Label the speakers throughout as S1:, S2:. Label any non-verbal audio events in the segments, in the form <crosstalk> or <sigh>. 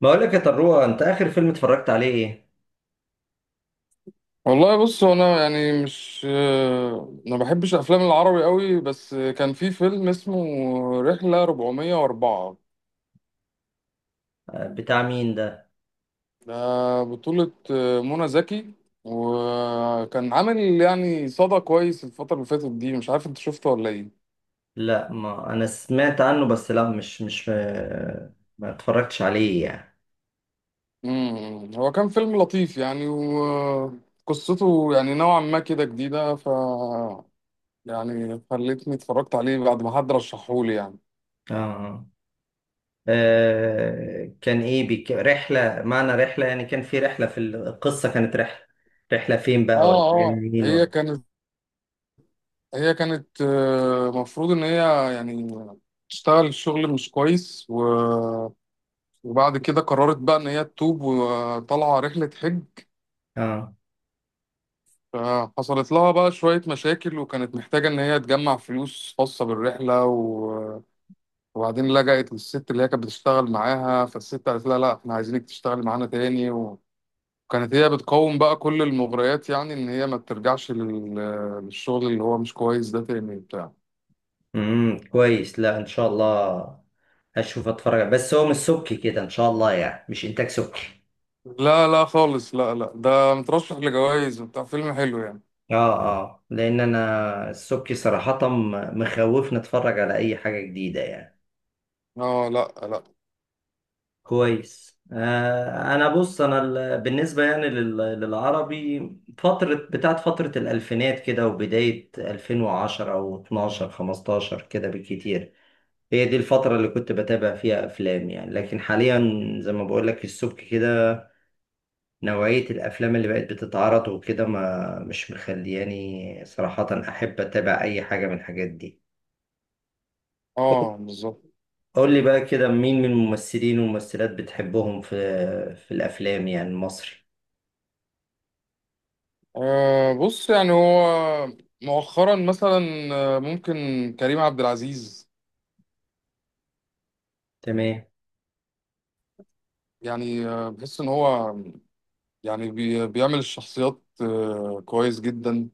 S1: بقول لك يا طروه، انت اخر فيلم اتفرجت عليه ايه؟
S2: والله بص هو انا يعني مش ما بحبش افلام العربي قوي، بس كان في فيلم اسمه رحلة 404.
S1: آه، بتاع مين ده؟
S2: ده بطولة منى زكي، وكان عامل يعني صدى كويس الفترة اللي فاتت دي. مش عارف انت شفته ولا ايه؟
S1: لا، ما انا سمعت عنه، بس لا مش ما اتفرجتش عليه يعني.
S2: هو كان فيلم لطيف يعني، وقصته يعني نوعا ما كده جديدة، ف يعني خلتني اتفرجت عليه بعد ما حد رشحهولي يعني.
S1: اه كان ايه رحله، معنى رحله يعني كان في رحله، في القصه كانت رحله؟ رحله فين بقى، ولا
S2: اه
S1: يعني
S2: اه
S1: مين
S2: هي
S1: ولا؟
S2: كانت، هي كانت مفروض ان هي يعني تشتغل شغل مش كويس، وبعد كده قررت بقى ان هي تتوب وطالعه رحله حج.
S1: اه
S2: فحصلت لها بقى شويه مشاكل، وكانت محتاجه ان هي تجمع فلوس خاصه بالرحله، وبعدين لجأت للست اللي هي كانت بتشتغل معاها. فالست قالت لها لا احنا عايزينك تشتغلي معانا تاني، وكانت هي بتقاوم بقى كل المغريات يعني، ان هي ما ترجعش للشغل اللي هو مش كويس ده تاني بتاع.
S1: كويس، لا ان شاء الله هشوف اتفرج. بس هو مش سبكي كده ان شاء الله، يعني مش انتاج سبكي؟
S2: لا لا خالص، لا لا، ده مترشح لجوائز وبتاع، فيلم حلو يعني.
S1: اه اه، لان انا السبكي صراحة مخوفني اتفرج على اي حاجة جديدة يعني.
S2: اه لا لا.
S1: كويس آه. انا بص، انا بالنسبة يعني للعربي، فترة بتاعت فترة الالفينات كده وبداية 2010 او 12 15 كده بالكتير، هي دي الفترة اللي كنت بتابع فيها افلام يعني. لكن حاليا زي ما بقول لك السبكي كده، نوعية الافلام اللي بقت بتتعرض وكده، ما مش مخلياني صراحة احب اتابع اي حاجة من الحاجات دي.
S2: اه بالظبط.
S1: قول لي بقى كده، مين من الممثلين والممثلات بتحبهم في في الافلام يعني المصري؟
S2: آه بص يعني هو مؤخرا مثلا ممكن كريم عبد العزيز
S1: تمام.
S2: يعني. بحس ان هو يعني بيعمل الشخصيات آه كويس جدا،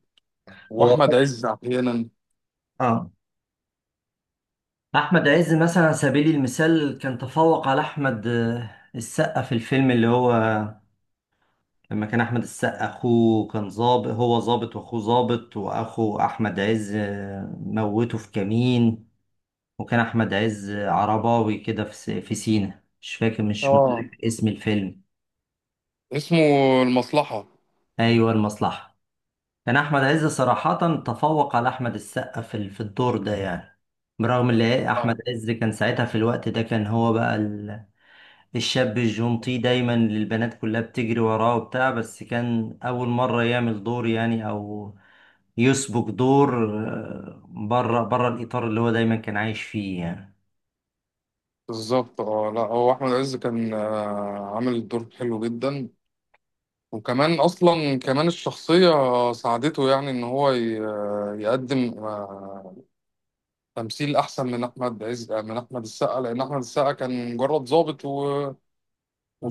S2: واحمد
S1: هو
S2: عز احيانا.
S1: اه، احمد عز مثلا على سبيل المثال كان تفوق على احمد السقا في الفيلم اللي هو لما كان احمد السقا اخوه، كان ظابط، هو ظابط واخوه ظابط، واخو احمد عز موته في كمين، وكان احمد عز عرباوي كده في في سينا. مش فاكر، مش
S2: اه،
S1: متذكر اسم الفيلم.
S2: اسمه المصلحة.
S1: ايوه، المصلحة. يعني احمد عز صراحة تفوق على احمد السقا في في الدور ده يعني، برغم ان احمد
S2: اه
S1: عز كان ساعتها في الوقت ده، كان هو بقى الشاب الجونتي دايما اللي البنات كلها بتجري وراه وبتاع، بس كان اول مرة يعمل دور يعني، او يسبق دور بره بره الاطار اللي هو دايما كان عايش فيه يعني.
S2: بالظبط. اه لا هو احمد عز كان آه عامل الدور حلو جدا، وكمان اصلا كمان الشخصيه ساعدته يعني ان هو يقدم تمثيل احسن من احمد عز، من احمد السقا، لان احمد السقا كان مجرد ضابط و...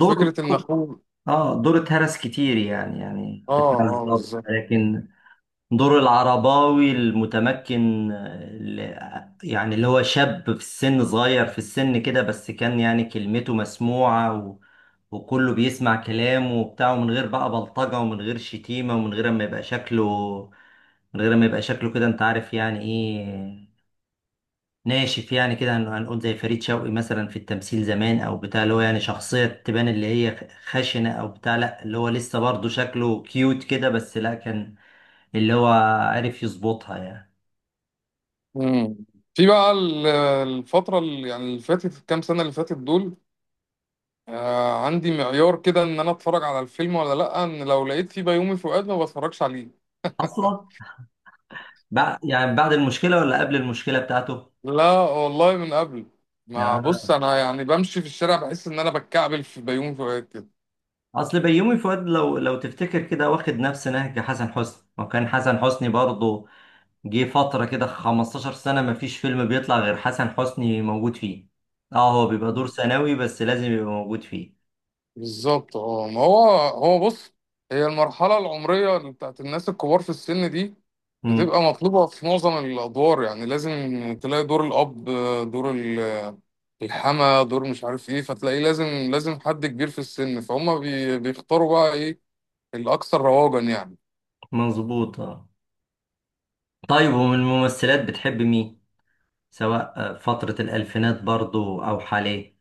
S1: دور
S2: ان اخوه.
S1: اه دور اتهرس كتير يعني، يعني
S2: اه اه
S1: بالظبط،
S2: بالظبط.
S1: لكن دور العرباوي المتمكن اللي يعني اللي هو شاب في السن، صغير في السن كده، بس كان يعني كلمته مسموعة، و... وكله بيسمع كلامه وبتاع، ومن غير بقى بلطجة ومن غير شتيمة، ومن غير ما يبقى شكله من غير ما يبقى شكله كده انت عارف يعني ايه، ناشف يعني كده، هنقول زي فريد شوقي مثلا في التمثيل زمان او بتاع، اللي هو يعني شخصية تبان اللي هي خشنة او بتاع. لا، اللي هو لسه برضه شكله كيوت كده، بس لا، كان اللي هو عرف يظبطها يعني.
S2: مم. في بقى الفتره اللي يعني اللي فاتت، الكام سنه اللي فاتت دول، آه عندي معيار كده ان انا اتفرج على الفيلم ولا لا، ان لو لقيت فيه بيومي فؤاد ما بتفرجش عليه.
S1: اصلا بعد يعني بعد المشكله ولا قبل المشكله بتاعته؟
S2: لا والله من قبل. ما بص
S1: آه.
S2: انا يعني بمشي في الشارع بحس ان انا بتكعبل في بيومي فؤاد كده.
S1: اصل بيومي فؤاد، لو تفتكر كده، واخد نفس نهج حسن حسني، وكان حسن حسني برضه جه فتره كده 15 سنه ما فيش فيلم بيطلع غير حسن حسني موجود فيه. اه، هو بيبقى دور ثانوي بس لازم يبقى موجود فيه.
S2: بالظبط اه، ما هو هو بص، هي المرحلة العمرية اللي بتاعت الناس الكبار في السن دي
S1: مم.
S2: بتبقى مطلوبة في معظم الأدوار، يعني لازم تلاقي دور الأب، دور الحما، دور مش عارف إيه، فتلاقيه لازم، لازم حد كبير في السن، فهم بيختاروا بقى إيه الأكثر رواجا يعني.
S1: مظبوط اه. طيب، ومن الممثلات بتحب مين، سواء فتره الالفينات برضه او حاليا؟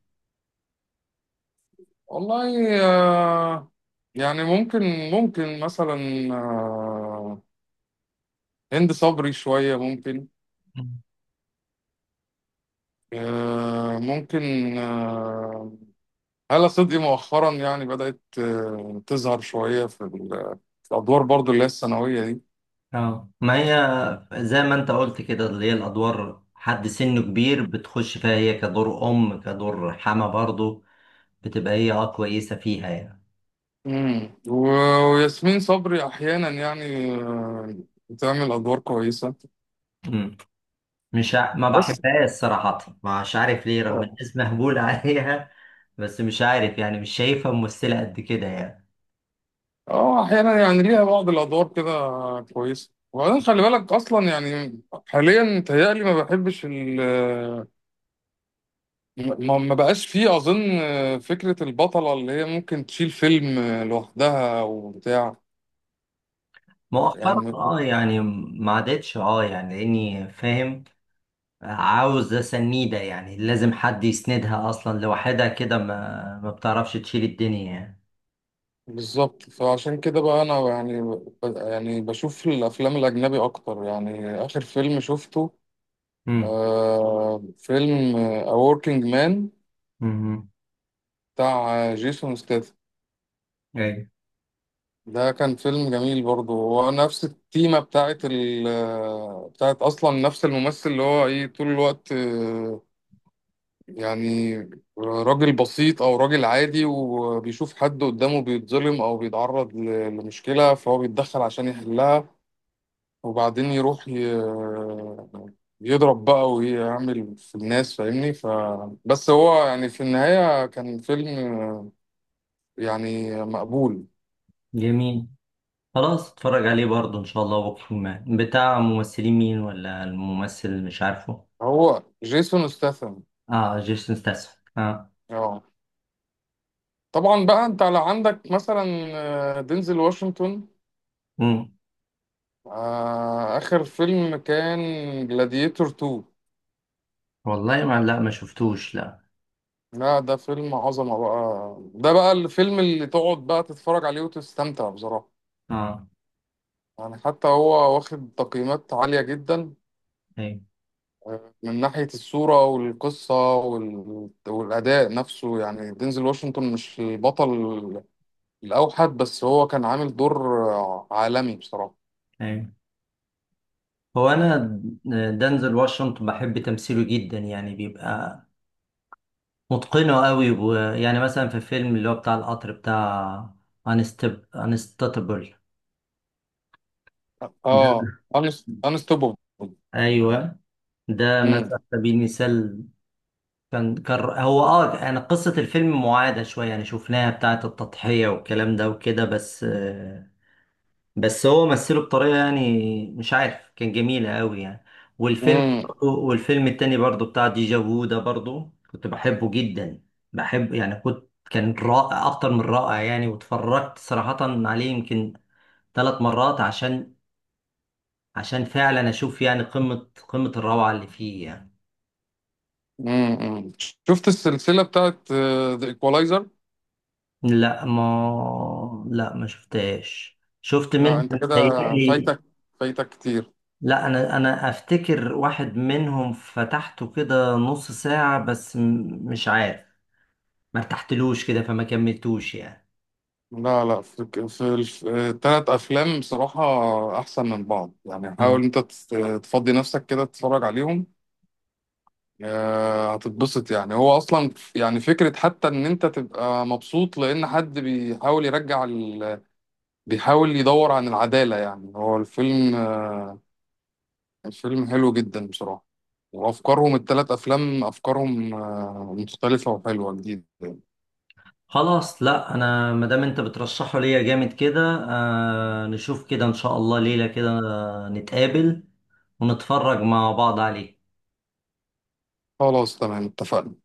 S2: والله يعني ممكن مثلا، آه، هند صبري شوية ممكن، ممكن هالة صدقي مؤخرا يعني بدأت تظهر شوية في في الأدوار برضو اللي هي الثانوية دي.
S1: اه، ما هي زي ما انت قلت كده، اللي هي الادوار حد سنه كبير بتخش فيها، هي كدور ام كدور حما، برضو بتبقى هي اه كويسه فيها يعني.
S2: مم. و- وياسمين صبري أحيانا يعني بتعمل أدوار كويسة،
S1: مم. مش ع... ما
S2: بس
S1: بحبهاش صراحه، مش عارف ليه، رغم
S2: اه.
S1: الناس مهبول <laughs> عليها. بس مش عارف يعني، مش شايفها ممثله قد كده يعني.
S2: أحيانا يعني ليها بعض الأدوار كده كويسة، وبعدين خلي بالك أصلا يعني حاليا متهيألي ما بحبش ال ما بقاش فيه أظن فكرة البطلة اللي هي ممكن تشيل فيلم لوحدها وبتاع
S1: مؤخرا
S2: يعني.
S1: اه يعني، ما عادتش اه يعني، لاني فاهم عاوز سنيده يعني، لازم حد يسندها، اصلا لوحدها كده ما بتعرفش تشيل الدنيا يعني.
S2: بالظبط، فعشان كده بقى انا يعني، يعني بشوف الافلام الاجنبي اكتر يعني. اخر فيلم شفته
S1: مم.
S2: آه فيلم A Working Man،
S1: امم.
S2: بتاع جيسون ستاثام.
S1: ايوه.
S2: ده كان فيلم جميل برضه، هو نفس التيمة بتاعت بتاعت اصلا، نفس الممثل اللي هو ايه طول الوقت يعني راجل بسيط او راجل عادي، وبيشوف حد قدامه بيتظلم او بيتعرض لمشكلة، فهو بيتدخل عشان يحلها، وبعدين يروح ي... يضرب بقى ويعمل في الناس فاهمني. ف بس هو يعني في النهاية كان فيلم يعني مقبول.
S1: جميل، خلاص اتفرج عليه برضه ان شاء الله بكره. ما بتاع ممثلين مين ولا الممثل اللي مش عارفه؟
S2: هو جيسون ستاثام.
S1: اه، جيسون ستاثام، اه.
S2: اه طبعا بقى انت على عندك مثلا دينزل واشنطن.
S1: امم.
S2: آخر فيلم كان جلاديتور 2.
S1: والله ما لا، ما شفتوش لا.
S2: لا ده فيلم عظمة بقى، ده بقى الفيلم اللي تقعد بقى تتفرج عليه وتستمتع بصراحة.
S1: اه.
S2: يعني حتى هو واخد تقييمات عالية جدا
S1: ايوه
S2: من ناحية الصورة والقصة وال... والأداء نفسه. يعني دينزل واشنطن مش البطل الأوحد، بس هو كان عامل دور عالمي بصراحة.
S1: ايوه. انا دنزل واشنطن بحب تمثيله جدا، يعني بيبقى متقنه قوي. ويعني مثلا في فيلم اللي هو بتاع القطر بتاع، انستاتبل ده.
S2: اه انستوببل.
S1: ايوه، ده مثلا
S2: امم
S1: على سبيل المثال. كان هو اه، انا قصة الفيلم معادة شوية يعني، شفناها بتاعة التضحية والكلام ده وكده، بس بس هو مثله بطريقة يعني مش عارف، كان جميلة قوي يعني. والفيلم
S2: امم
S1: والفيلم التاني برضو بتاع ديجا فو ده، برضو كنت بحبه جدا، بحب يعني. كان رائع اكتر من رائع يعني. واتفرجت صراحة عليه يمكن ثلاث مرات، عشان فعلا اشوف يعني قمة قمة الروعة اللي فيه يعني.
S2: امم. شفت السلسلة بتاعت ذا ايكوالايزر؟
S1: لا، ما شفتهاش، شفت
S2: لا
S1: منها
S2: انت كده
S1: متهيألي.
S2: فايتك، فايتك كتير.
S1: لا، انا افتكر واحد منهم فتحته كده نص ساعة بس، مش عارف، ما ارتحتلوش كده فما كملتوش يعني.
S2: لا لا، في الثلاث افلام بصراحة احسن من بعض يعني.
S1: آه.
S2: حاول انت تفضي نفسك كده تتفرج عليهم، هتتبسط يعني. هو اصلا يعني فكره حتى ان انت تبقى مبسوط، لان حد بيحاول يرجع ال... بيحاول يدور عن العداله، يعني هو الفيلم الفيلم حلو جدا بصراحه. وافكارهم الثلاث افلام، افكارهم مختلفه وحلوه جديده.
S1: خلاص، لا انا ما دام انت بترشحه ليا جامد كده، آه نشوف كده ان شاء الله ليلة كده نتقابل ونتفرج مع بعض عليه.
S2: خلاص تمام اتفقنا.